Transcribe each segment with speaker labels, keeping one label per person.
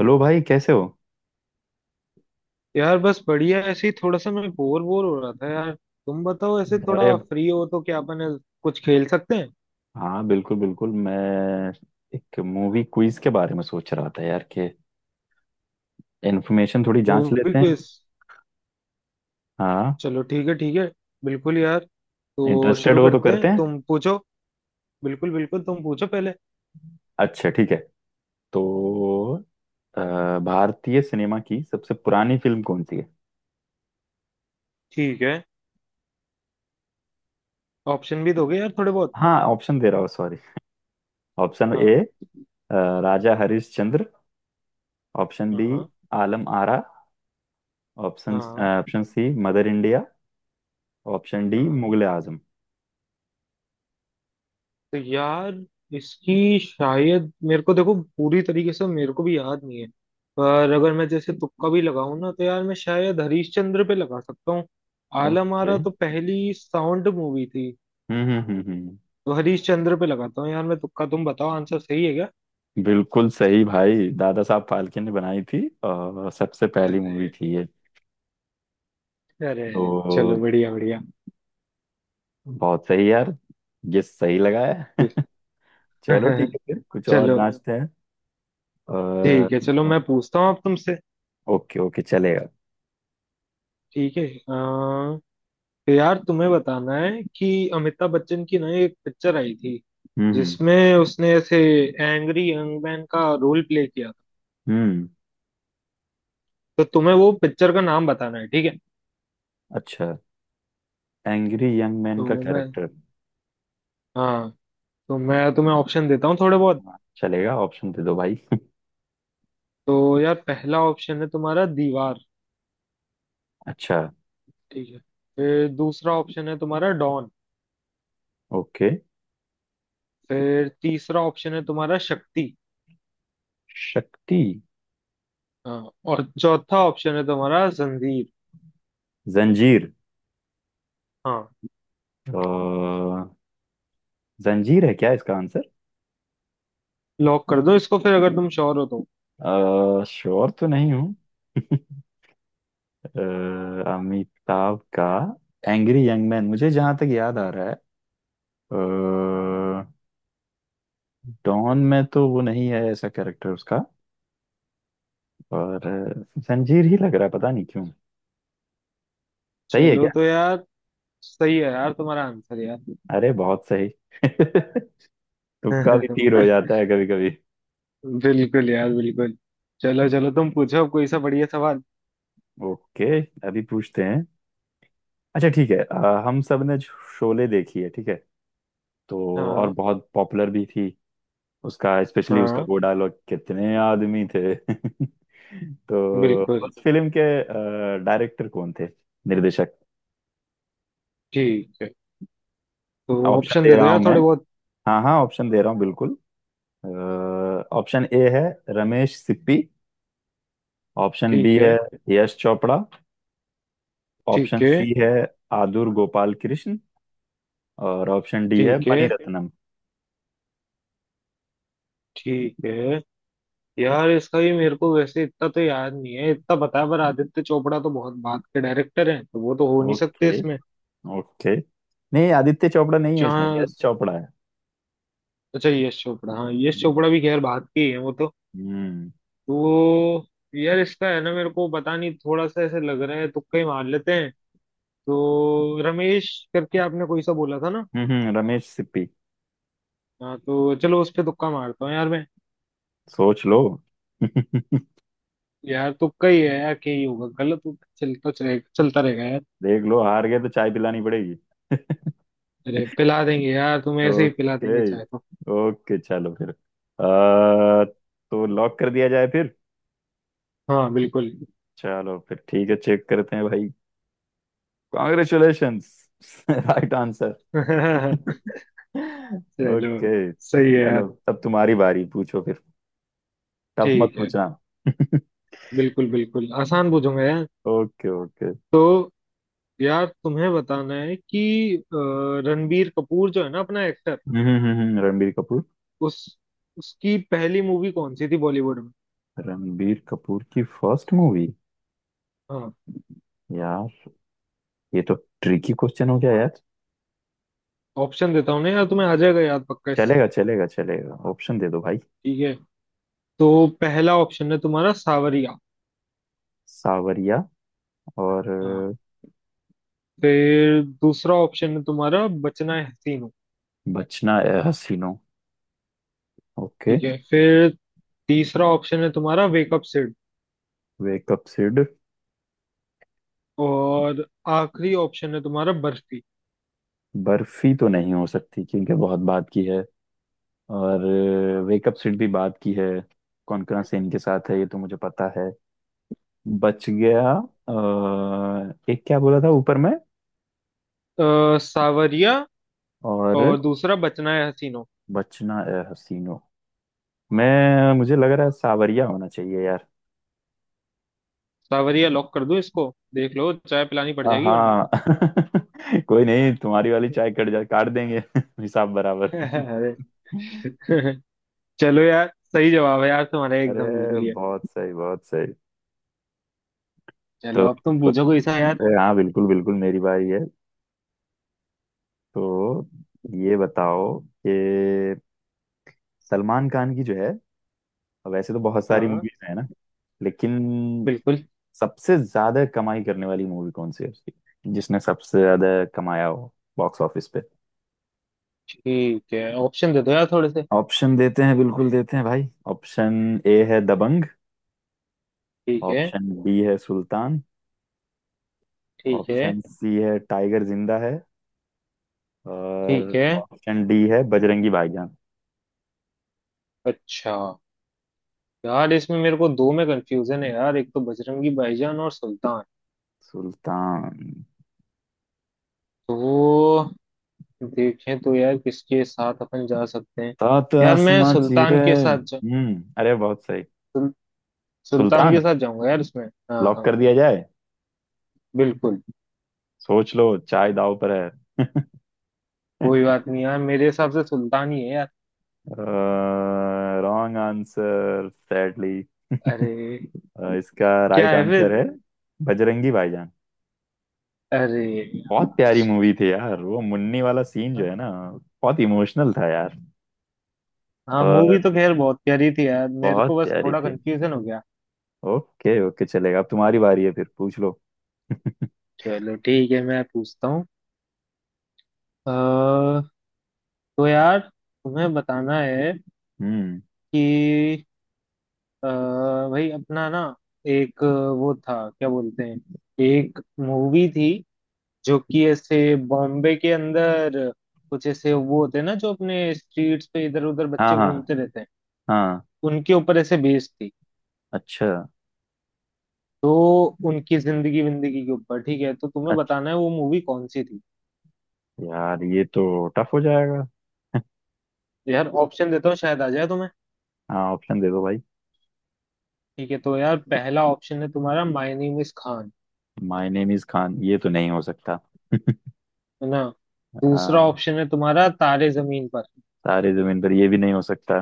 Speaker 1: Hello भाई, कैसे हो?
Speaker 2: यार बस बढ़िया ऐसे ही थोड़ा सा मैं बोर बोर हो रहा था यार। तुम बताओ ऐसे
Speaker 1: अरे
Speaker 2: थोड़ा फ्री हो तो क्या अपन ऐसे कुछ खेल सकते हैं।
Speaker 1: हाँ, बिल्कुल बिल्कुल मैं एक मूवी क्विज के बारे में सोच रहा था यार, कि इन्फॉर्मेशन थोड़ी जांच
Speaker 2: मूवी
Speaker 1: लेते हैं।
Speaker 2: क्विज।
Speaker 1: हाँ,
Speaker 2: चलो ठीक है, ठीक है, बिल्कुल यार। तो
Speaker 1: इंटरेस्टेड
Speaker 2: शुरू
Speaker 1: हो तो
Speaker 2: करते
Speaker 1: करते
Speaker 2: हैं,
Speaker 1: हैं।
Speaker 2: तुम पूछो। बिल्कुल बिल्कुल, तुम पूछो पहले।
Speaker 1: अच्छा ठीक है। तो भारतीय सिनेमा की सबसे पुरानी फिल्म कौन सी है?
Speaker 2: ठीक है, ऑप्शन भी दोगे यार थोड़े बहुत।
Speaker 1: हाँ, ऑप्शन दे रहा हूँ, सॉरी। ऑप्शन
Speaker 2: हाँ
Speaker 1: A, Raja Harishchandra. Option B,
Speaker 2: हाँ
Speaker 1: आलम आरा। ऑप्शन
Speaker 2: हाँ
Speaker 1: option C, Mother India. Option D,
Speaker 2: हाँ।
Speaker 1: मुगले आजम।
Speaker 2: तो यार इसकी शायद, मेरे को देखो, पूरी तरीके से मेरे को भी याद नहीं है, पर अगर मैं जैसे तुक्का भी लगाऊं ना तो यार मैं शायद हरीश चंद्र पे लगा सकता हूँ। आलम
Speaker 1: ओके।
Speaker 2: आरा तो पहली साउंड मूवी थी।
Speaker 1: हम्म, हम्म, हम्म, हम्म।
Speaker 2: तो हरीश चंद्र पे लगाता हूँ यार मैं तुक्का। तुम बताओ आंसर सही है क्या।
Speaker 1: बिल्कुल सही भाई, दादा साहब फाल्के ने बनाई थी। और सबसे पहली मूवी
Speaker 2: अरे,
Speaker 1: थी ये।
Speaker 2: अरे, चलो
Speaker 1: तो
Speaker 2: बढ़िया बढ़िया।
Speaker 1: बहुत सही यार। ये सही लगा है। चलो ठीक है, फिर कुछ और
Speaker 2: चलो
Speaker 1: जांचते हैं। और।
Speaker 2: ठीक है, चलो मैं पूछता हूँ अब तुमसे।
Speaker 1: ओके ओके, चलेगा।
Speaker 2: ठीक है। यार तुम्हें बताना है कि अमिताभ बच्चन की ना एक पिक्चर आई थी,
Speaker 1: हम्म, हम्म,
Speaker 2: जिसमें उसने ऐसे एंग्री यंग मैन का रोल प्ले किया था।
Speaker 1: हम्म।
Speaker 2: तो तुम्हें वो पिक्चर का नाम बताना है, ठीक है।
Speaker 1: अच्छा, एंग्री यंग मैन का
Speaker 2: तो मैं
Speaker 1: कैरेक्टर।
Speaker 2: हाँ, तो मैं तुम्हें ऑप्शन देता हूँ थोड़े बहुत।
Speaker 1: हाँ, चलेगा, ऑप्शन दे दो भाई।
Speaker 2: तो यार पहला ऑप्शन है तुम्हारा दीवार।
Speaker 1: अच्छा।
Speaker 2: ठीक है, फिर दूसरा ऑप्शन है तुम्हारा डॉन।
Speaker 1: ओके।
Speaker 2: फिर तीसरा ऑप्शन है तुम्हारा शक्ति।
Speaker 1: शक्ति।
Speaker 2: हाँ, और चौथा ऑप्शन है तुम्हारा जंजीर।
Speaker 1: जंजीर।
Speaker 2: हाँ,
Speaker 1: अ, जंजीर है क्या इसका आंसर?
Speaker 2: लॉक कर दो इसको फिर, अगर तुम श्योर हो तो।
Speaker 1: श्योर तो नहीं हूँ। अ, अमिताभ का एंग्री यंग मैन मुझे जहां तक याद आ रहा है। अ, डॉन में तो वो नहीं है ऐसा कैरेक्टर उसका। और जंजीर ही लग रहा है, पता नहीं क्यों। सही है
Speaker 2: चलो,
Speaker 1: क्या?
Speaker 2: तो यार सही है यार तुम्हारा आंसर यार।
Speaker 1: अरे बहुत सही। तुक्का भी तीर हो जाता है कभी कभी।
Speaker 2: बिल्कुल यार, बिल्कुल। चलो चलो, तुम पूछो अब कोई सा बढ़िया सवाल।
Speaker 1: ओके, अभी पूछते हैं। अच्छा ठीक है। हम सब ने शोले देखी है, ठीक है। तो और
Speaker 2: हाँ
Speaker 1: बहुत पॉपुलर भी थी। उसका, स्पेशली उसका
Speaker 2: हाँ,
Speaker 1: वो डायलॉग कितने आदमी थे। तो
Speaker 2: बिल्कुल
Speaker 1: उस फिल्म के डायरेक्टर कौन थे, निर्देशक?
Speaker 2: ठीक है, तो
Speaker 1: ऑप्शन
Speaker 2: ऑप्शन
Speaker 1: दे
Speaker 2: दे दो
Speaker 1: रहा हूं
Speaker 2: यार
Speaker 1: मैं।
Speaker 2: थोड़े बहुत।
Speaker 1: हाँ हाँ, ऑप्शन दे रहा हूँ बिल्कुल। ऑप्शन ए है रमेश सिप्पी। ऑप्शन बी
Speaker 2: ठीक है,
Speaker 1: है यश चोपड़ा।
Speaker 2: ठीक
Speaker 1: ऑप्शन
Speaker 2: है,
Speaker 1: सी है आदुर गोपाल कृष्ण। और ऑप्शन डी है
Speaker 2: ठीक है,
Speaker 1: मणिरत्नम।
Speaker 2: ठीक है। यार इसका भी मेरे को वैसे इतना तो याद नहीं है, इतना पता है पर आदित्य चोपड़ा तो बहुत बात के डायरेक्टर हैं, तो वो तो हो नहीं सकते
Speaker 1: ओके
Speaker 2: इसमें।
Speaker 1: ओके। नहीं, आदित्य चोपड़ा नहीं है इसमें,
Speaker 2: जहाँ,
Speaker 1: यश चोपड़ा है।
Speaker 2: अच्छा यश चोपड़ा, हाँ यश
Speaker 1: हम्म,
Speaker 2: चोपड़ा भी खैर बात के ही है वो तो।
Speaker 1: हम्म,
Speaker 2: तो यार इसका है ना, मेरे को पता नहीं, थोड़ा सा ऐसे लग रहा है, तुक्का ही मार लेते हैं। तो रमेश करके आपने कोई सा बोला था ना।
Speaker 1: रमेश सिप्पी।
Speaker 2: हाँ, तो चलो उस पे तुक्का मारता हूँ यार मैं।
Speaker 1: सोच लो।
Speaker 2: यार तुक्का ही है यार, क्या ही होगा, गलत होगा, चलता, चलेगा, चलता रहेगा यार।
Speaker 1: देख लो, हार गए तो चाय पिलानी पड़ेगी।
Speaker 2: अरे पिला देंगे यार तुम ऐसे ही, पिला
Speaker 1: ओके
Speaker 2: देंगे चाहे तो।
Speaker 1: ओके, चलो फिर। तो लॉक कर दिया जाए फिर।
Speaker 2: हाँ बिल्कुल।
Speaker 1: चलो फिर ठीक है, चेक करते हैं भाई। कॉन्ग्रेचुलेशंस। Right answer.
Speaker 2: चलो,
Speaker 1: ओके।
Speaker 2: सही है
Speaker 1: चलो,
Speaker 2: यार।
Speaker 1: तब तुम्हारी बारी, पूछो फिर। टफ मत
Speaker 2: ठीक है,
Speaker 1: पूछना।
Speaker 2: बिल्कुल बिल्कुल आसान पूछूंगा यार।
Speaker 1: Okay okay.
Speaker 2: तो यार तुम्हें बताना है कि रणबीर कपूर जो है ना अपना एक्टर,
Speaker 1: हम्म, रणबीर कपूर।
Speaker 2: उस उसकी पहली मूवी कौन सी थी बॉलीवुड में।
Speaker 1: रणबीर कपूर की फर्स्ट मूवी।
Speaker 2: हाँ,
Speaker 1: यार, ये तो ट्रिकी क्वेश्चन हो गया यार।
Speaker 2: ऑप्शन देता हूँ ना यार, तुम्हें आ जाएगा याद पक्का इससे।
Speaker 1: चलेगा चलेगा चलेगा, ऑप्शन दे दो भाई।
Speaker 2: ठीक है, तो पहला ऑप्शन है तुम्हारा सावरिया।
Speaker 1: सावरिया। और
Speaker 2: हाँ, फिर दूसरा ऑप्शन है तुम्हारा बचना है हसीनो।
Speaker 1: बचना ए हसीनों। ओके।
Speaker 2: ठीक है, फिर तीसरा ऑप्शन है तुम्हारा वेकअप सिड।
Speaker 1: वेकअप सिड।
Speaker 2: और आखिरी ऑप्शन है तुम्हारा बर्फी।
Speaker 1: बर्फी तो नहीं हो सकती, क्योंकि बहुत बात की है। और वेकअप सिड भी बात की है। कौनकना सेन के साथ है, ये तो मुझे पता है। बच गया। एक क्या बोला था ऊपर में।
Speaker 2: सावरिया,
Speaker 1: और
Speaker 2: और दूसरा बचना है हसीनो।
Speaker 1: बचना ए हसीनों। मैं मुझे लग रहा है सावरिया होना चाहिए यार।
Speaker 2: सावरिया लॉक कर दो इसको। देख लो चाय पिलानी पड़ जाएगी वरना।
Speaker 1: हाँ। कोई नहीं, तुम्हारी वाली चाय कट जा, काट देंगे। हिसाब बराबर।
Speaker 2: अरे। चलो यार, सही जवाब है यार तुम्हारा, एकदम
Speaker 1: अरे
Speaker 2: बिल्कुल ही है।
Speaker 1: बहुत सही, बहुत सही। तो,
Speaker 2: चलो अब तुम पूछो कोई सा यार।
Speaker 1: अरे हाँ, बिल्कुल बिल्कुल मेरी बारी है। तो ये बताओ, कि सलमान खान की जो है, वैसे तो बहुत सारी
Speaker 2: हाँ
Speaker 1: मूवीज है ना, लेकिन
Speaker 2: बिल्कुल।
Speaker 1: सबसे ज्यादा कमाई करने वाली मूवी कौन सी है उसकी, जिसने सबसे ज्यादा कमाया हो बॉक्स ऑफिस पे।
Speaker 2: ठीक है, ऑप्शन दे दो यार थोड़े से।
Speaker 1: ऑप्शन देते हैं, बिल्कुल देते हैं भाई। ऑप्शन ए है दबंग।
Speaker 2: ठीक है,
Speaker 1: ऑप्शन बी है सुल्तान।
Speaker 2: ठीक है,
Speaker 1: ऑप्शन सी है टाइगर जिंदा है। और
Speaker 2: ठीक है।
Speaker 1: ऑप्शन डी है बजरंगी भाईजान।
Speaker 2: अच्छा, यार इसमें मेरे को दो में कंफ्यूजन है यार, एक तो बजरंगी भाईजान और सुल्तान।
Speaker 1: सुल्तान।
Speaker 2: तो देखें तो यार किसके साथ अपन जा सकते हैं।
Speaker 1: सात
Speaker 2: यार मैं
Speaker 1: आसमां
Speaker 2: सुल्तान
Speaker 1: चीरे,
Speaker 2: के साथ
Speaker 1: अरे बहुत सही।
Speaker 2: सुल, सुल्तान
Speaker 1: सुल्तान
Speaker 2: के साथ जाऊंगा यार इसमें। हाँ
Speaker 1: लॉक
Speaker 2: हाँ,
Speaker 1: कर दिया जाए।
Speaker 2: बिल्कुल।
Speaker 1: सोच लो, चाय दाव पर है।
Speaker 2: कोई बात नहीं, यार मेरे हिसाब से सुल्तान ही है यार।
Speaker 1: Wrong answer sadly.
Speaker 2: अरे,
Speaker 1: इसका
Speaker 2: क्या
Speaker 1: राइट
Speaker 2: है
Speaker 1: आंसर
Speaker 2: फिर।
Speaker 1: है बजरंगी भाईजान।
Speaker 2: अरे यार।
Speaker 1: बहुत प्यारी मूवी थी यार, वो मुन्नी वाला सीन जो है ना। बहुत इमोशनल था यार।
Speaker 2: हाँ, मूवी
Speaker 1: और
Speaker 2: तो खैर बहुत प्यारी थी यार, मेरे को
Speaker 1: बहुत
Speaker 2: बस
Speaker 1: प्यारी
Speaker 2: थोड़ा
Speaker 1: थी।
Speaker 2: कंफ्यूजन हो गया।
Speaker 1: ओके ओके, चलेगा। अब तुम्हारी बारी है, फिर पूछ लो।
Speaker 2: चलो ठीक है, मैं पूछता हूँ। अ, तो यार तुम्हें बताना है
Speaker 1: हम्म।
Speaker 2: कि अ, भाई अपना ना एक, वो था क्या बोलते हैं, एक मूवी थी, जो कि ऐसे बॉम्बे के अंदर कुछ ऐसे वो होते हैं ना जो अपने स्ट्रीट्स पे इधर उधर
Speaker 1: हाँ,
Speaker 2: बच्चे
Speaker 1: हाँ,
Speaker 2: घूमते रहते हैं,
Speaker 1: हाँ।
Speaker 2: उनके ऊपर ऐसे बेस्ड थी।
Speaker 1: अच्छा,
Speaker 2: तो उनकी जिंदगी विंदगी के ऊपर, ठीक है। तो तुम्हें
Speaker 1: अच्छा।
Speaker 2: बताना है वो मूवी कौन सी थी।
Speaker 1: यार, ये तो टफ हो जाएगा।
Speaker 2: तो यार ऑप्शन देता हूँ, शायद आ जाए तुम्हें।
Speaker 1: हाँ, ऑप्शन दे दो भाई।
Speaker 2: ठीक है, तो यार पहला ऑप्शन है तुम्हारा my name is Khan.
Speaker 1: My name is Khan, ये तो नहीं हो सकता।
Speaker 2: है ना, दूसरा
Speaker 1: आ,
Speaker 2: ऑप्शन है तुम्हारा तारे जमीन पर।
Speaker 1: सारे जमीन पर, ये भी नहीं हो सकता।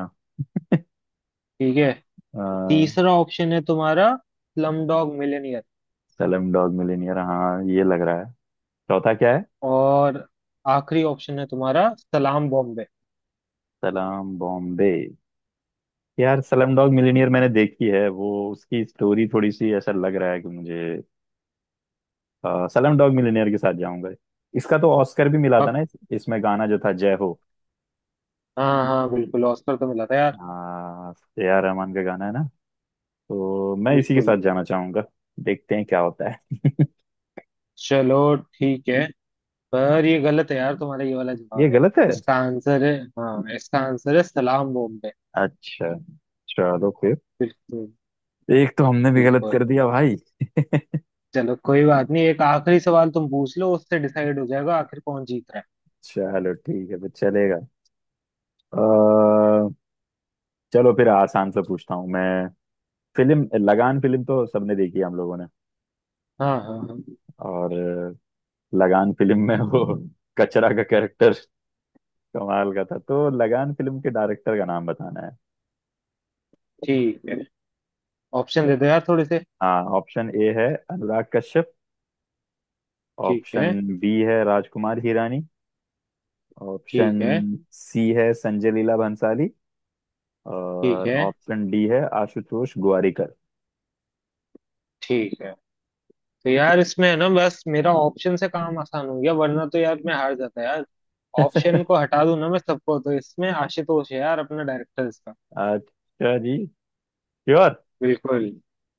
Speaker 2: ठीक है,
Speaker 1: आ,
Speaker 2: तीसरा ऑप्शन है तुम्हारा slum dog millionaire.
Speaker 1: Slum dog millionaire, हाँ ये लग रहा है। चौथा क्या है?
Speaker 2: और आखिरी ऑप्शन है तुम्हारा सलाम बॉम्बे।
Speaker 1: सलाम बॉम्बे। यार, सलम डॉग मिलियनेयर मैंने देखी है, वो उसकी स्टोरी थोड़ी सी ऐसा लग रहा है कि मुझे। सलाम डॉग मिलियनेयर के साथ जाऊंगा। इसका तो ऑस्कर भी मिला था
Speaker 2: पक-
Speaker 1: ना, इसमें गाना जो था जय हो।
Speaker 2: हाँ हाँ बिल्कुल, ऑस्कर तो मिला था यार।
Speaker 1: हाँ, एआर रहमान का गाना है ना। तो मैं इसी के
Speaker 2: बिल्कुल।
Speaker 1: साथ जाना चाहूंगा। देखते हैं क्या होता है।
Speaker 2: चलो ठीक है, पर ये गलत है यार तुम्हारा, ये वाला
Speaker 1: ये
Speaker 2: जवाब यार।
Speaker 1: गलत है।
Speaker 2: इसका आंसर है, हाँ, इसका आंसर है सलाम बॉम्बे।
Speaker 1: अच्छा, चलो फिर।
Speaker 2: बिल्कुल
Speaker 1: एक तो हमने भी गलत
Speaker 2: बिल्कुल।
Speaker 1: कर दिया भाई।
Speaker 2: चलो कोई बात नहीं, एक आखिरी सवाल तुम पूछ लो, उससे डिसाइड हो जाएगा आखिर कौन जीत रहा है।
Speaker 1: चलो ठीक है, फिर चलेगा। अ, चलो फिर आसान से पूछता हूँ मैं। फिल्म लगान, फिल्म तो सबने देखी है हम लोगों ने।
Speaker 2: हाँ हाँ हाँ।
Speaker 1: और लगान फिल्म में वो कचरा का कैरेक्टर कमाल का था, तो लगान फिल्म के डायरेक्टर का नाम बताना है।
Speaker 2: ठीक है, ऑप्शन दे दो यार थोड़े से।
Speaker 1: हाँ, ऑप्शन ए है अनुराग कश्यप।
Speaker 2: ठीक है,
Speaker 1: ऑप्शन बी है राजकुमार हिरानी। ऑप्शन
Speaker 2: ठीक है,
Speaker 1: सी है संजय लीला भंसाली।
Speaker 2: ठीक
Speaker 1: और
Speaker 2: है,
Speaker 1: ऑप्शन डी है आशुतोष गोवारिकर।
Speaker 2: ठीक है। तो यार इसमें है ना, बस मेरा ऑप्शन से काम आसान हो गया, वरना तो यार मैं हार जाता यार। ऑप्शन को हटा दूं ना मैं सबको, तो इसमें आशुतोष है यार अपना डायरेक्टर इसका।
Speaker 1: अच्छा जी, श्योर।
Speaker 2: बिल्कुल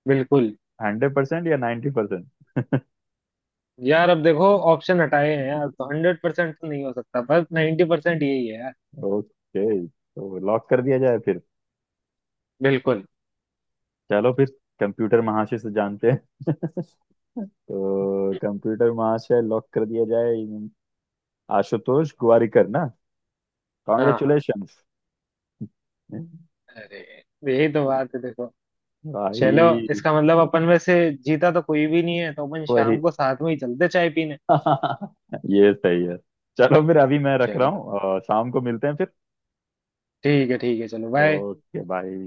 Speaker 2: बिल्कुल।
Speaker 1: 100% या 90%?
Speaker 2: यार अब देखो, ऑप्शन हटाए हैं यार तो 100% तो नहीं हो सकता, पर 90% यही है यार।
Speaker 1: ओके। तो लॉक कर दिया जाए फिर।
Speaker 2: बिल्कुल।
Speaker 1: चलो फिर, कंप्यूटर महाशय से जानते हैं। तो कंप्यूटर महाशय, लॉक कर दिया जाए। आशुतोष गोवारिकर ना।
Speaker 2: हाँ हाँ।
Speaker 1: कॉन्ग्रेचुलेशंस
Speaker 2: अरे यही तो बात है देखो। चलो,
Speaker 1: भाई।
Speaker 2: इसका मतलब अपन में से जीता तो कोई भी नहीं है, तो अपन शाम
Speaker 1: वही।
Speaker 2: को साथ में ही चलते चाय पीने।
Speaker 1: ये सही है। चलो फिर अभी मैं रख रहा
Speaker 2: चलो
Speaker 1: हूँ, शाम को मिलते हैं फिर।
Speaker 2: ठीक है, ठीक है, चलो बाय।
Speaker 1: Okay, bye.